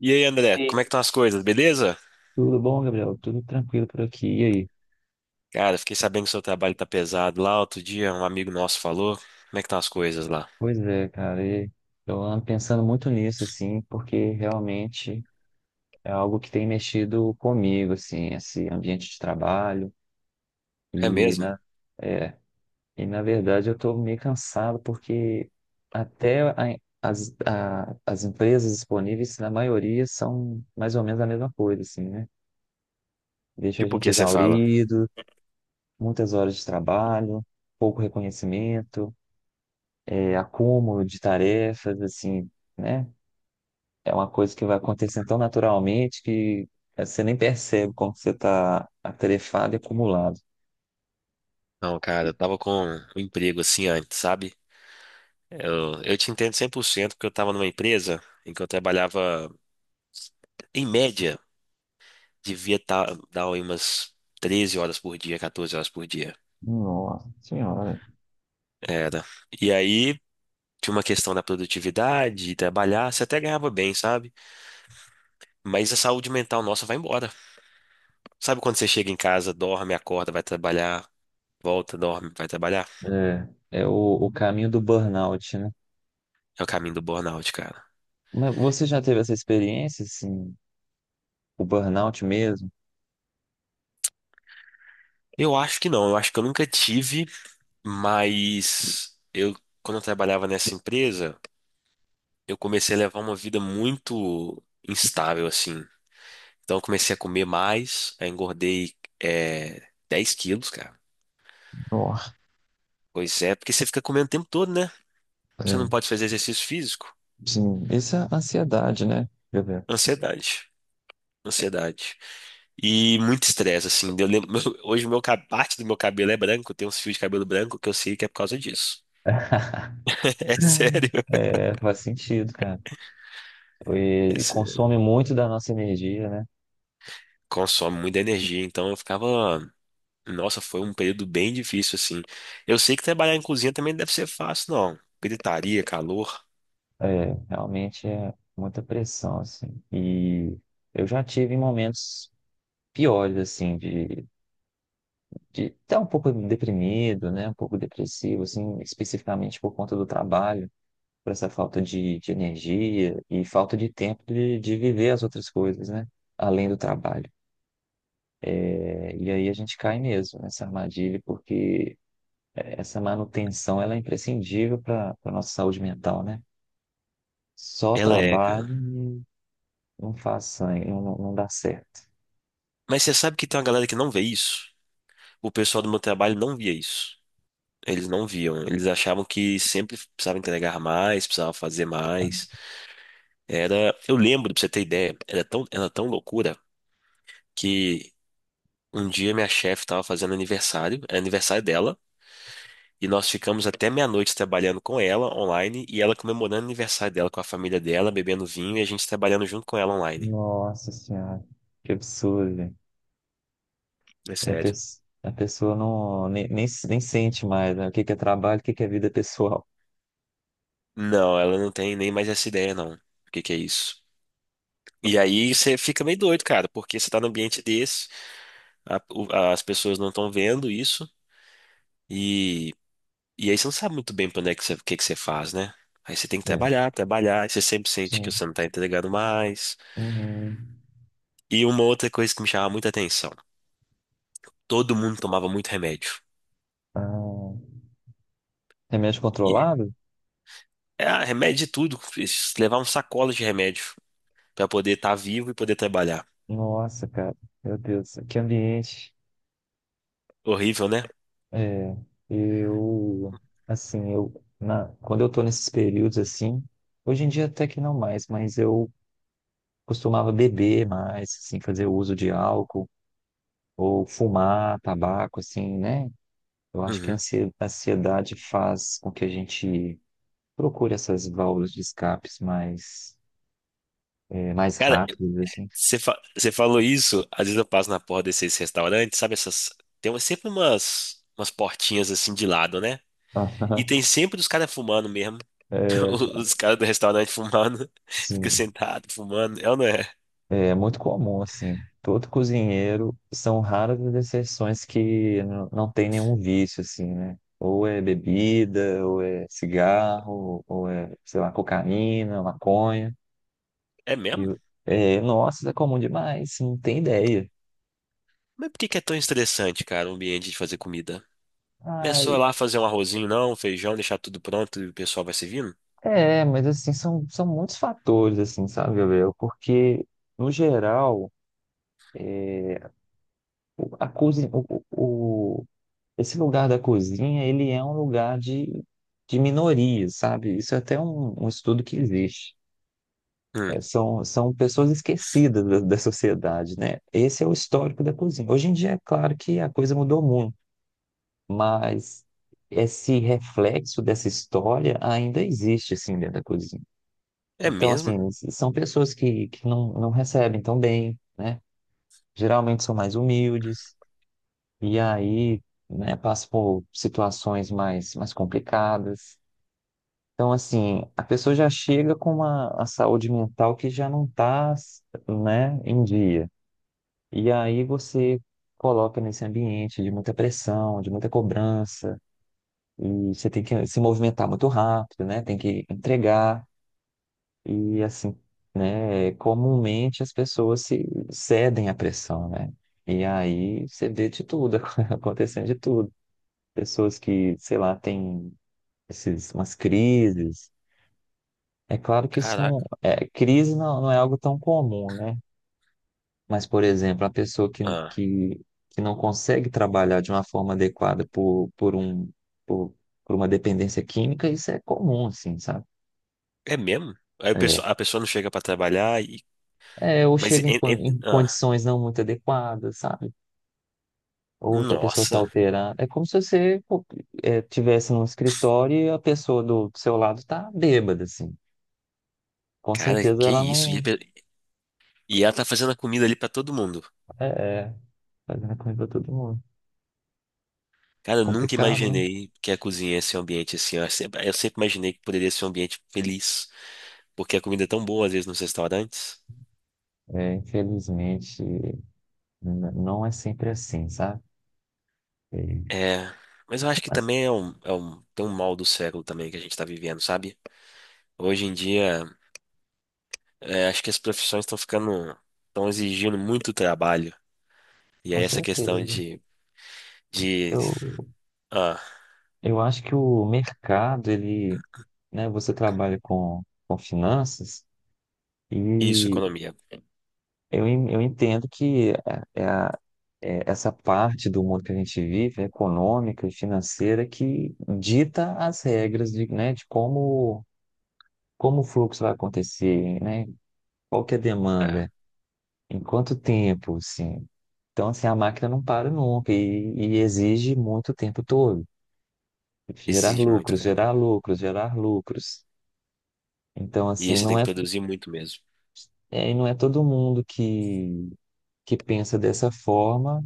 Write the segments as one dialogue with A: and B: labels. A: E aí,
B: E
A: André, como é que
B: aí?
A: estão as coisas, beleza?
B: Tudo bom, Gabriel? Tudo tranquilo por aqui. E aí?
A: Cara, fiquei sabendo que seu trabalho tá pesado lá. Outro dia, um amigo nosso falou. Como é que estão as coisas lá?
B: Pois é, cara. Eu ando pensando muito nisso, assim, porque realmente é algo que tem mexido comigo, assim, esse ambiente de trabalho.
A: É
B: E
A: mesmo?
B: na, é, na verdade, eu estou meio cansado, porque até a- as empresas disponíveis, na maioria, são mais ou menos a mesma coisa, assim, né? Deixa a
A: Tipo, o
B: gente
A: que você fala?
B: exaurido, muitas horas de trabalho, pouco reconhecimento. Acúmulo de tarefas, assim, né? É uma coisa que vai acontecendo tão naturalmente que você nem percebe como você está atarefado e acumulado.
A: Não, cara, eu tava com um emprego assim antes, sabe? Eu te entendo 100% porque eu tava numa empresa em que eu trabalhava, em média, devia tá, dar aí umas 13 horas por dia, 14 horas por dia.
B: Nossa senhora.
A: Era. E aí, tinha uma questão da produtividade, de trabalhar, você até ganhava bem, sabe? Mas a saúde mental nossa vai embora. Sabe quando você chega em casa, dorme, acorda, vai trabalhar, volta, dorme, vai trabalhar?
B: É, é o caminho do burnout, né?
A: É o caminho do burnout, cara.
B: Mas você já teve essa experiência, assim, o burnout mesmo?
A: Eu acho que não, eu acho que eu nunca tive, mas eu, quando eu trabalhava nessa empresa, eu comecei a levar uma vida muito instável, assim. Então eu comecei a comer mais, aí engordei 10 quilos, cara.
B: Nossa,
A: Pois é, porque você fica comendo o tempo todo, né? Você não
B: é,
A: pode fazer exercício físico.
B: sim. Isso é ansiedade, né? Quer dizer,
A: Ansiedade. Ansiedade. E muito estresse, assim. Eu lembro, hoje parte do meu cabelo é branco, eu tenho uns fios de cabelo branco que eu sei que é por causa disso. É sério.
B: É, faz sentido, cara.
A: É
B: E
A: sério.
B: consome muito da nossa energia, né?
A: Consome muita energia, então eu ficava. Nossa, foi um período bem difícil, assim. Eu sei que trabalhar em cozinha também não deve ser fácil, não. Gritaria, calor.
B: É, realmente é muita pressão, assim. E eu já tive momentos piores, assim, de estar um pouco deprimido, né? Um pouco depressivo, assim, especificamente por conta do trabalho, por essa falta de energia e falta de tempo de viver as outras coisas, né? Além do trabalho. É, e aí a gente cai mesmo nessa armadilha, porque essa manutenção, ela é imprescindível para a nossa saúde mental, né? Só
A: Ela é, cara.
B: trabalho não faz sangue, não, não dá certo.
A: Mas você sabe que tem uma galera que não vê isso? O pessoal do meu trabalho não via isso. Eles não viam. Eles achavam que sempre precisava entregar mais, precisava fazer mais. Era, eu lembro, pra você ter ideia, era tão loucura que um dia minha chefe estava fazendo aniversário, era aniversário dela, e nós ficamos até meia-noite trabalhando com ela online e ela comemorando o aniversário dela com a família dela, bebendo vinho e a gente trabalhando junto com ela online.
B: Nossa Senhora, que absurdo, velho.
A: É
B: A
A: sério.
B: pes- a pessoa não, nem sente mais, né? O que que é trabalho, o que que é vida pessoal.
A: Não, ela não tem nem mais essa ideia, não. O que que é isso? E aí você fica meio doido, cara, porque você tá num ambiente desse. As pessoas não estão vendo isso, e, e aí você não sabe muito bem para onde é que você, o que que você faz, né? Aí você tem que
B: É,
A: trabalhar, trabalhar, e você sempre sente
B: sim.
A: que você não tá entregando mais.
B: Uhum.
A: E uma outra coisa que me chamava muita atenção: todo mundo tomava muito remédio.
B: Ah, remédio
A: E,
B: controlado?
A: remédio de tudo, levar um sacola de remédio para poder estar vivo e poder trabalhar.
B: Nossa, cara, meu Deus, que ambiente.
A: Horrível, né?
B: É, eu, assim, eu, na, quando eu tô nesses períodos assim, hoje em dia até que não mais, mas eu costumava beber mais, assim, fazer uso de álcool ou fumar tabaco, assim, né? Eu acho que a
A: Uhum.
B: ansiedade faz com que a gente procure essas válvulas de escapes mais, mais
A: Cara,
B: rápidas, assim.
A: você falou isso, às vezes eu passo na porta desses restaurantes, sabe essas. Tem sempre umas portinhas assim de lado, né? E tem sempre os caras fumando mesmo.
B: É,
A: Os caras do restaurante fumando. Fica
B: sim,
A: sentado, fumando. É ou não é?
B: é muito comum, assim. Todo cozinheiro, são raras as exceções que não tem nenhum vício, assim, né? Ou é bebida, ou é cigarro, ou é, sei lá, cocaína, maconha.
A: É
B: E,
A: mesmo?
B: o- Nossa, isso é comum demais, não tem ideia.
A: Mas por que que é tão estressante, cara, o ambiente de fazer comida? Não é só
B: Ai,
A: lá fazer um arrozinho, não, um feijão, deixar tudo pronto e o pessoal vai servindo?
B: é, mas assim, são muitos fatores, assim, sabe, Gabriel? Porque, no geral, a cozinha, esse lugar da cozinha, ele é um lugar de minorias, sabe? Isso é até um, um estudo que existe.
A: Hum,
B: É, são pessoas esquecidas da, da sociedade, né? Esse é o histórico da cozinha. Hoje em dia, é claro que a coisa mudou muito, mas esse reflexo dessa história ainda existe, assim, dentro da cozinha.
A: é
B: Então,
A: mesmo?
B: assim, são pessoas que não, não recebem tão bem, né? Geralmente são mais humildes, e aí, né, passam por situações mais, mais complicadas. Então, assim, a pessoa já chega com uma, a saúde mental que já não está, né, em dia. E aí você coloca nesse ambiente de muita pressão, de muita cobrança, e você tem que se movimentar muito rápido, né? Tem que entregar. E assim, né, comumente as pessoas se cedem à pressão, né? E aí você vê de tudo, acontecendo de tudo. Pessoas que, sei lá, têm esses, umas crises. É claro que isso não
A: Caraca.
B: é, crise não, não é algo tão comum, né? Mas, por exemplo, a pessoa
A: Ah,
B: que não consegue trabalhar de uma forma adequada por um, por, por uma dependência química, isso é comum, assim, sabe?
A: é mesmo? Aí
B: É,
A: a pessoa não chega pra trabalhar e.
B: é, ou
A: Mas.
B: chega em, em condições não muito adequadas, sabe? Outra pessoa está
A: Nossa,
B: alterando. É como se você pô, é, tivesse num escritório e a pessoa do seu lado está bêbada, assim. Com
A: cara,
B: certeza
A: que
B: ela
A: isso? E,
B: não
A: ela tá fazendo a comida ali pra todo mundo.
B: é, é fazendo comida pra todo mundo.
A: Cara, eu nunca
B: Complicado, né?
A: imaginei que a cozinha ia ser um ambiente assim. Eu sempre imaginei que poderia ser um ambiente feliz, porque a comida é tão boa às vezes nos restaurantes.
B: É, infelizmente, não é sempre assim, sabe? É,
A: É, mas eu acho que
B: mas
A: também é um, tem um mal do século também que a gente tá vivendo, sabe? Hoje em dia, acho que as profissões estão exigindo muito trabalho. E
B: com
A: aí essa questão
B: certeza.
A: de,
B: Eu,
A: ah,
B: eu acho que o mercado, ele, né, você trabalha com finanças
A: isso,
B: e
A: economia.
B: eu, eu entendo que é é essa parte do mundo que a gente vive, econômica e financeira, que dita as regras de, né, de como, como o fluxo vai acontecer, né? Qual que é a
A: É,
B: demanda, em quanto tempo, assim. Então, assim, a máquina não para nunca e, e exige muito o tempo todo. Gerar
A: exige muito,
B: lucros,
A: cara.
B: gerar lucros, gerar lucros. Então,
A: E aí
B: assim,
A: você
B: não
A: tem que
B: é,
A: produzir muito mesmo.
B: é, não é todo mundo que pensa dessa forma,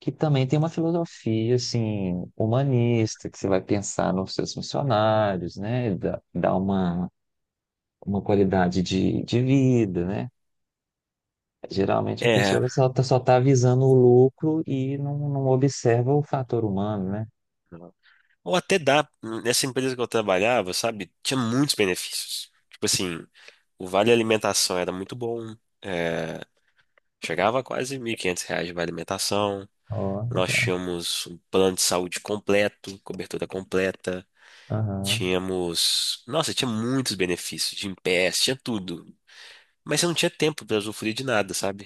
B: que também tem uma filosofia assim humanista, que você vai pensar nos seus funcionários, né? Dá, dá uma qualidade de vida, né? Geralmente a
A: É.
B: pessoa só tá visando o lucro e não, não observa o fator humano, né?
A: Ou até dá, nessa empresa que eu trabalhava, sabe, tinha muitos benefícios. Tipo assim, o vale alimentação era muito bom, é, chegava a quase R$ 1.500 de vale alimentação.
B: Ó,
A: Nós
B: legal.
A: tínhamos um plano de saúde completo, cobertura completa.
B: Aham,
A: Tínhamos, nossa, tinha muitos benefícios, de PS, tinha tudo. Mas você não tinha tempo para usufruir de nada, sabe?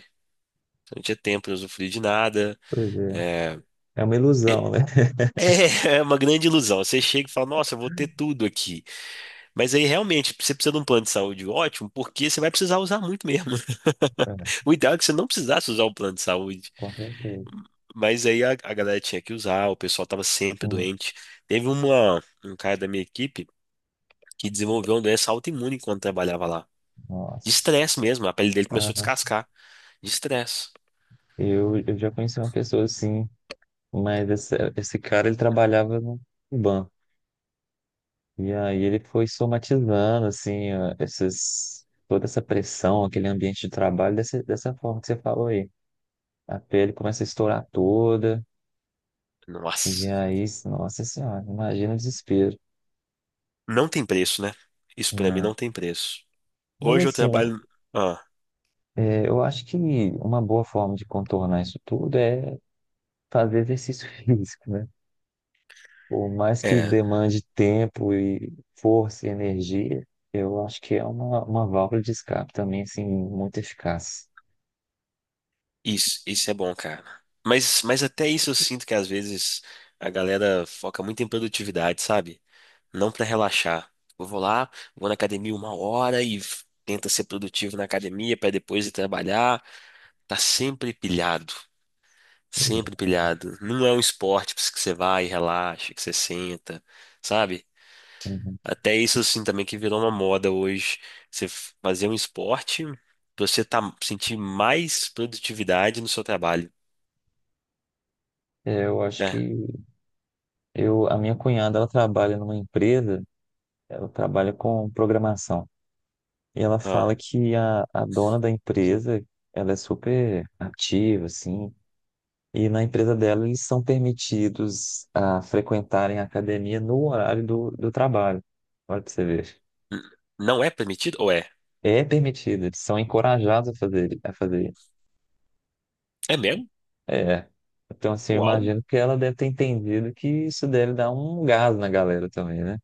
A: Você não tinha tempo para usufruir de nada.
B: pois é.
A: É,
B: É uma ilusão, né?
A: é uma grande ilusão. Você chega e fala, nossa, eu vou ter tudo aqui. Mas aí realmente você precisa de um plano de saúde ótimo, porque você vai precisar usar muito mesmo.
B: É,
A: O ideal é que você não precisasse usar o plano de saúde.
B: com certeza.
A: Mas aí a galera tinha que usar, o pessoal estava sempre
B: Hum,
A: doente. Teve uma, um cara da minha equipe que desenvolveu uma doença autoimune enquanto trabalhava lá. De
B: nossa.
A: estresse mesmo, a pele dele começou a
B: Aham.
A: descascar. De estresse.
B: Eu já conheci uma pessoa assim, mas esse cara ele trabalhava no banco. E aí ele foi somatizando, assim, ó, esses, toda essa pressão, aquele ambiente de trabalho dessa, dessa forma que você falou aí. A pele começa a estourar toda, e
A: Nossa.
B: aí, nossa senhora, imagina o desespero.
A: Não tem preço, né? Isso pra mim
B: Não.
A: não tem preço.
B: Mas
A: Hoje eu
B: assim,
A: trabalho. Ah,
B: é, eu acho que uma boa forma de contornar isso tudo é fazer exercício físico, né? Por mais que
A: é,
B: demande tempo e força e energia, eu acho que é uma válvula de escape também, assim, muito eficaz.
A: Isso é bom, cara. Mas até isso eu sinto que às vezes a galera foca muito em produtividade, sabe? Não pra relaxar. Eu vou lá, vou na academia uma hora e tenta ser produtivo na academia pra depois ir trabalhar. Tá sempre pilhado, sempre pilhado. Não é um esporte que você vai e relaxa, que você senta, sabe?
B: Uhum.
A: Até isso assim também que virou uma moda hoje. Você fazer um esporte pra você tá, sentir mais produtividade no seu trabalho,
B: É, Eu acho que
A: né?
B: Eu, a minha cunhada, ela trabalha numa empresa, ela trabalha com programação. E ela fala que a dona da empresa, ela é super ativa, assim. E na empresa dela, eles são permitidos a frequentarem a academia no horário do, do trabalho. Olha pra você ver.
A: N- Não é permitido? Ou é?
B: É permitido, eles são encorajados a fazer, a fazer.
A: É mesmo?
B: É. Então, assim, eu
A: Uau!
B: imagino que ela deve ter entendido que isso deve dar um gás na galera também, né?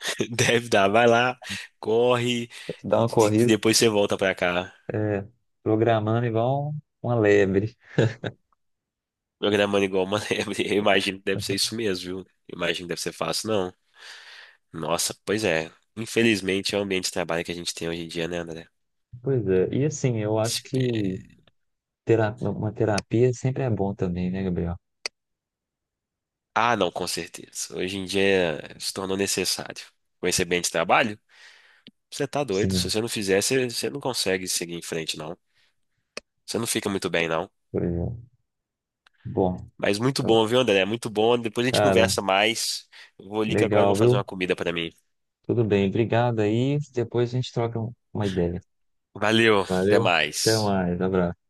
A: Deve dar. Vai lá, corre,
B: Dá
A: e
B: uma corrida,
A: depois você volta pra cá.
B: é, programando igual uma lebre.
A: Programando igual uma lebre. Eu imagino que deve ser isso mesmo, viu? Eu imagino que deve ser fácil, não. Nossa, pois é. Infelizmente é o ambiente de trabalho que a gente tem hoje em dia, né, André?
B: Pois é, e assim, eu acho que
A: Espe-
B: uma terapia sempre é bom também, né, Gabriel?
A: Ah, não, com certeza. Hoje em dia se tornou necessário. Com esse ambiente de trabalho, você tá doido. Se
B: Sim,
A: você não fizer, você, você não consegue seguir em frente, não. Você não fica muito bem, não.
B: pois é. Bom,
A: Mas muito
B: eu-
A: bom, viu, André? Muito bom. Depois a gente
B: cara,
A: conversa mais. Eu vou ali que agora eu vou
B: legal,
A: fazer
B: viu?
A: uma comida pra mim.
B: Tudo bem, obrigado aí. Depois a gente troca uma ideia.
A: Valeu, até
B: Valeu, até
A: mais.
B: mais, abraço.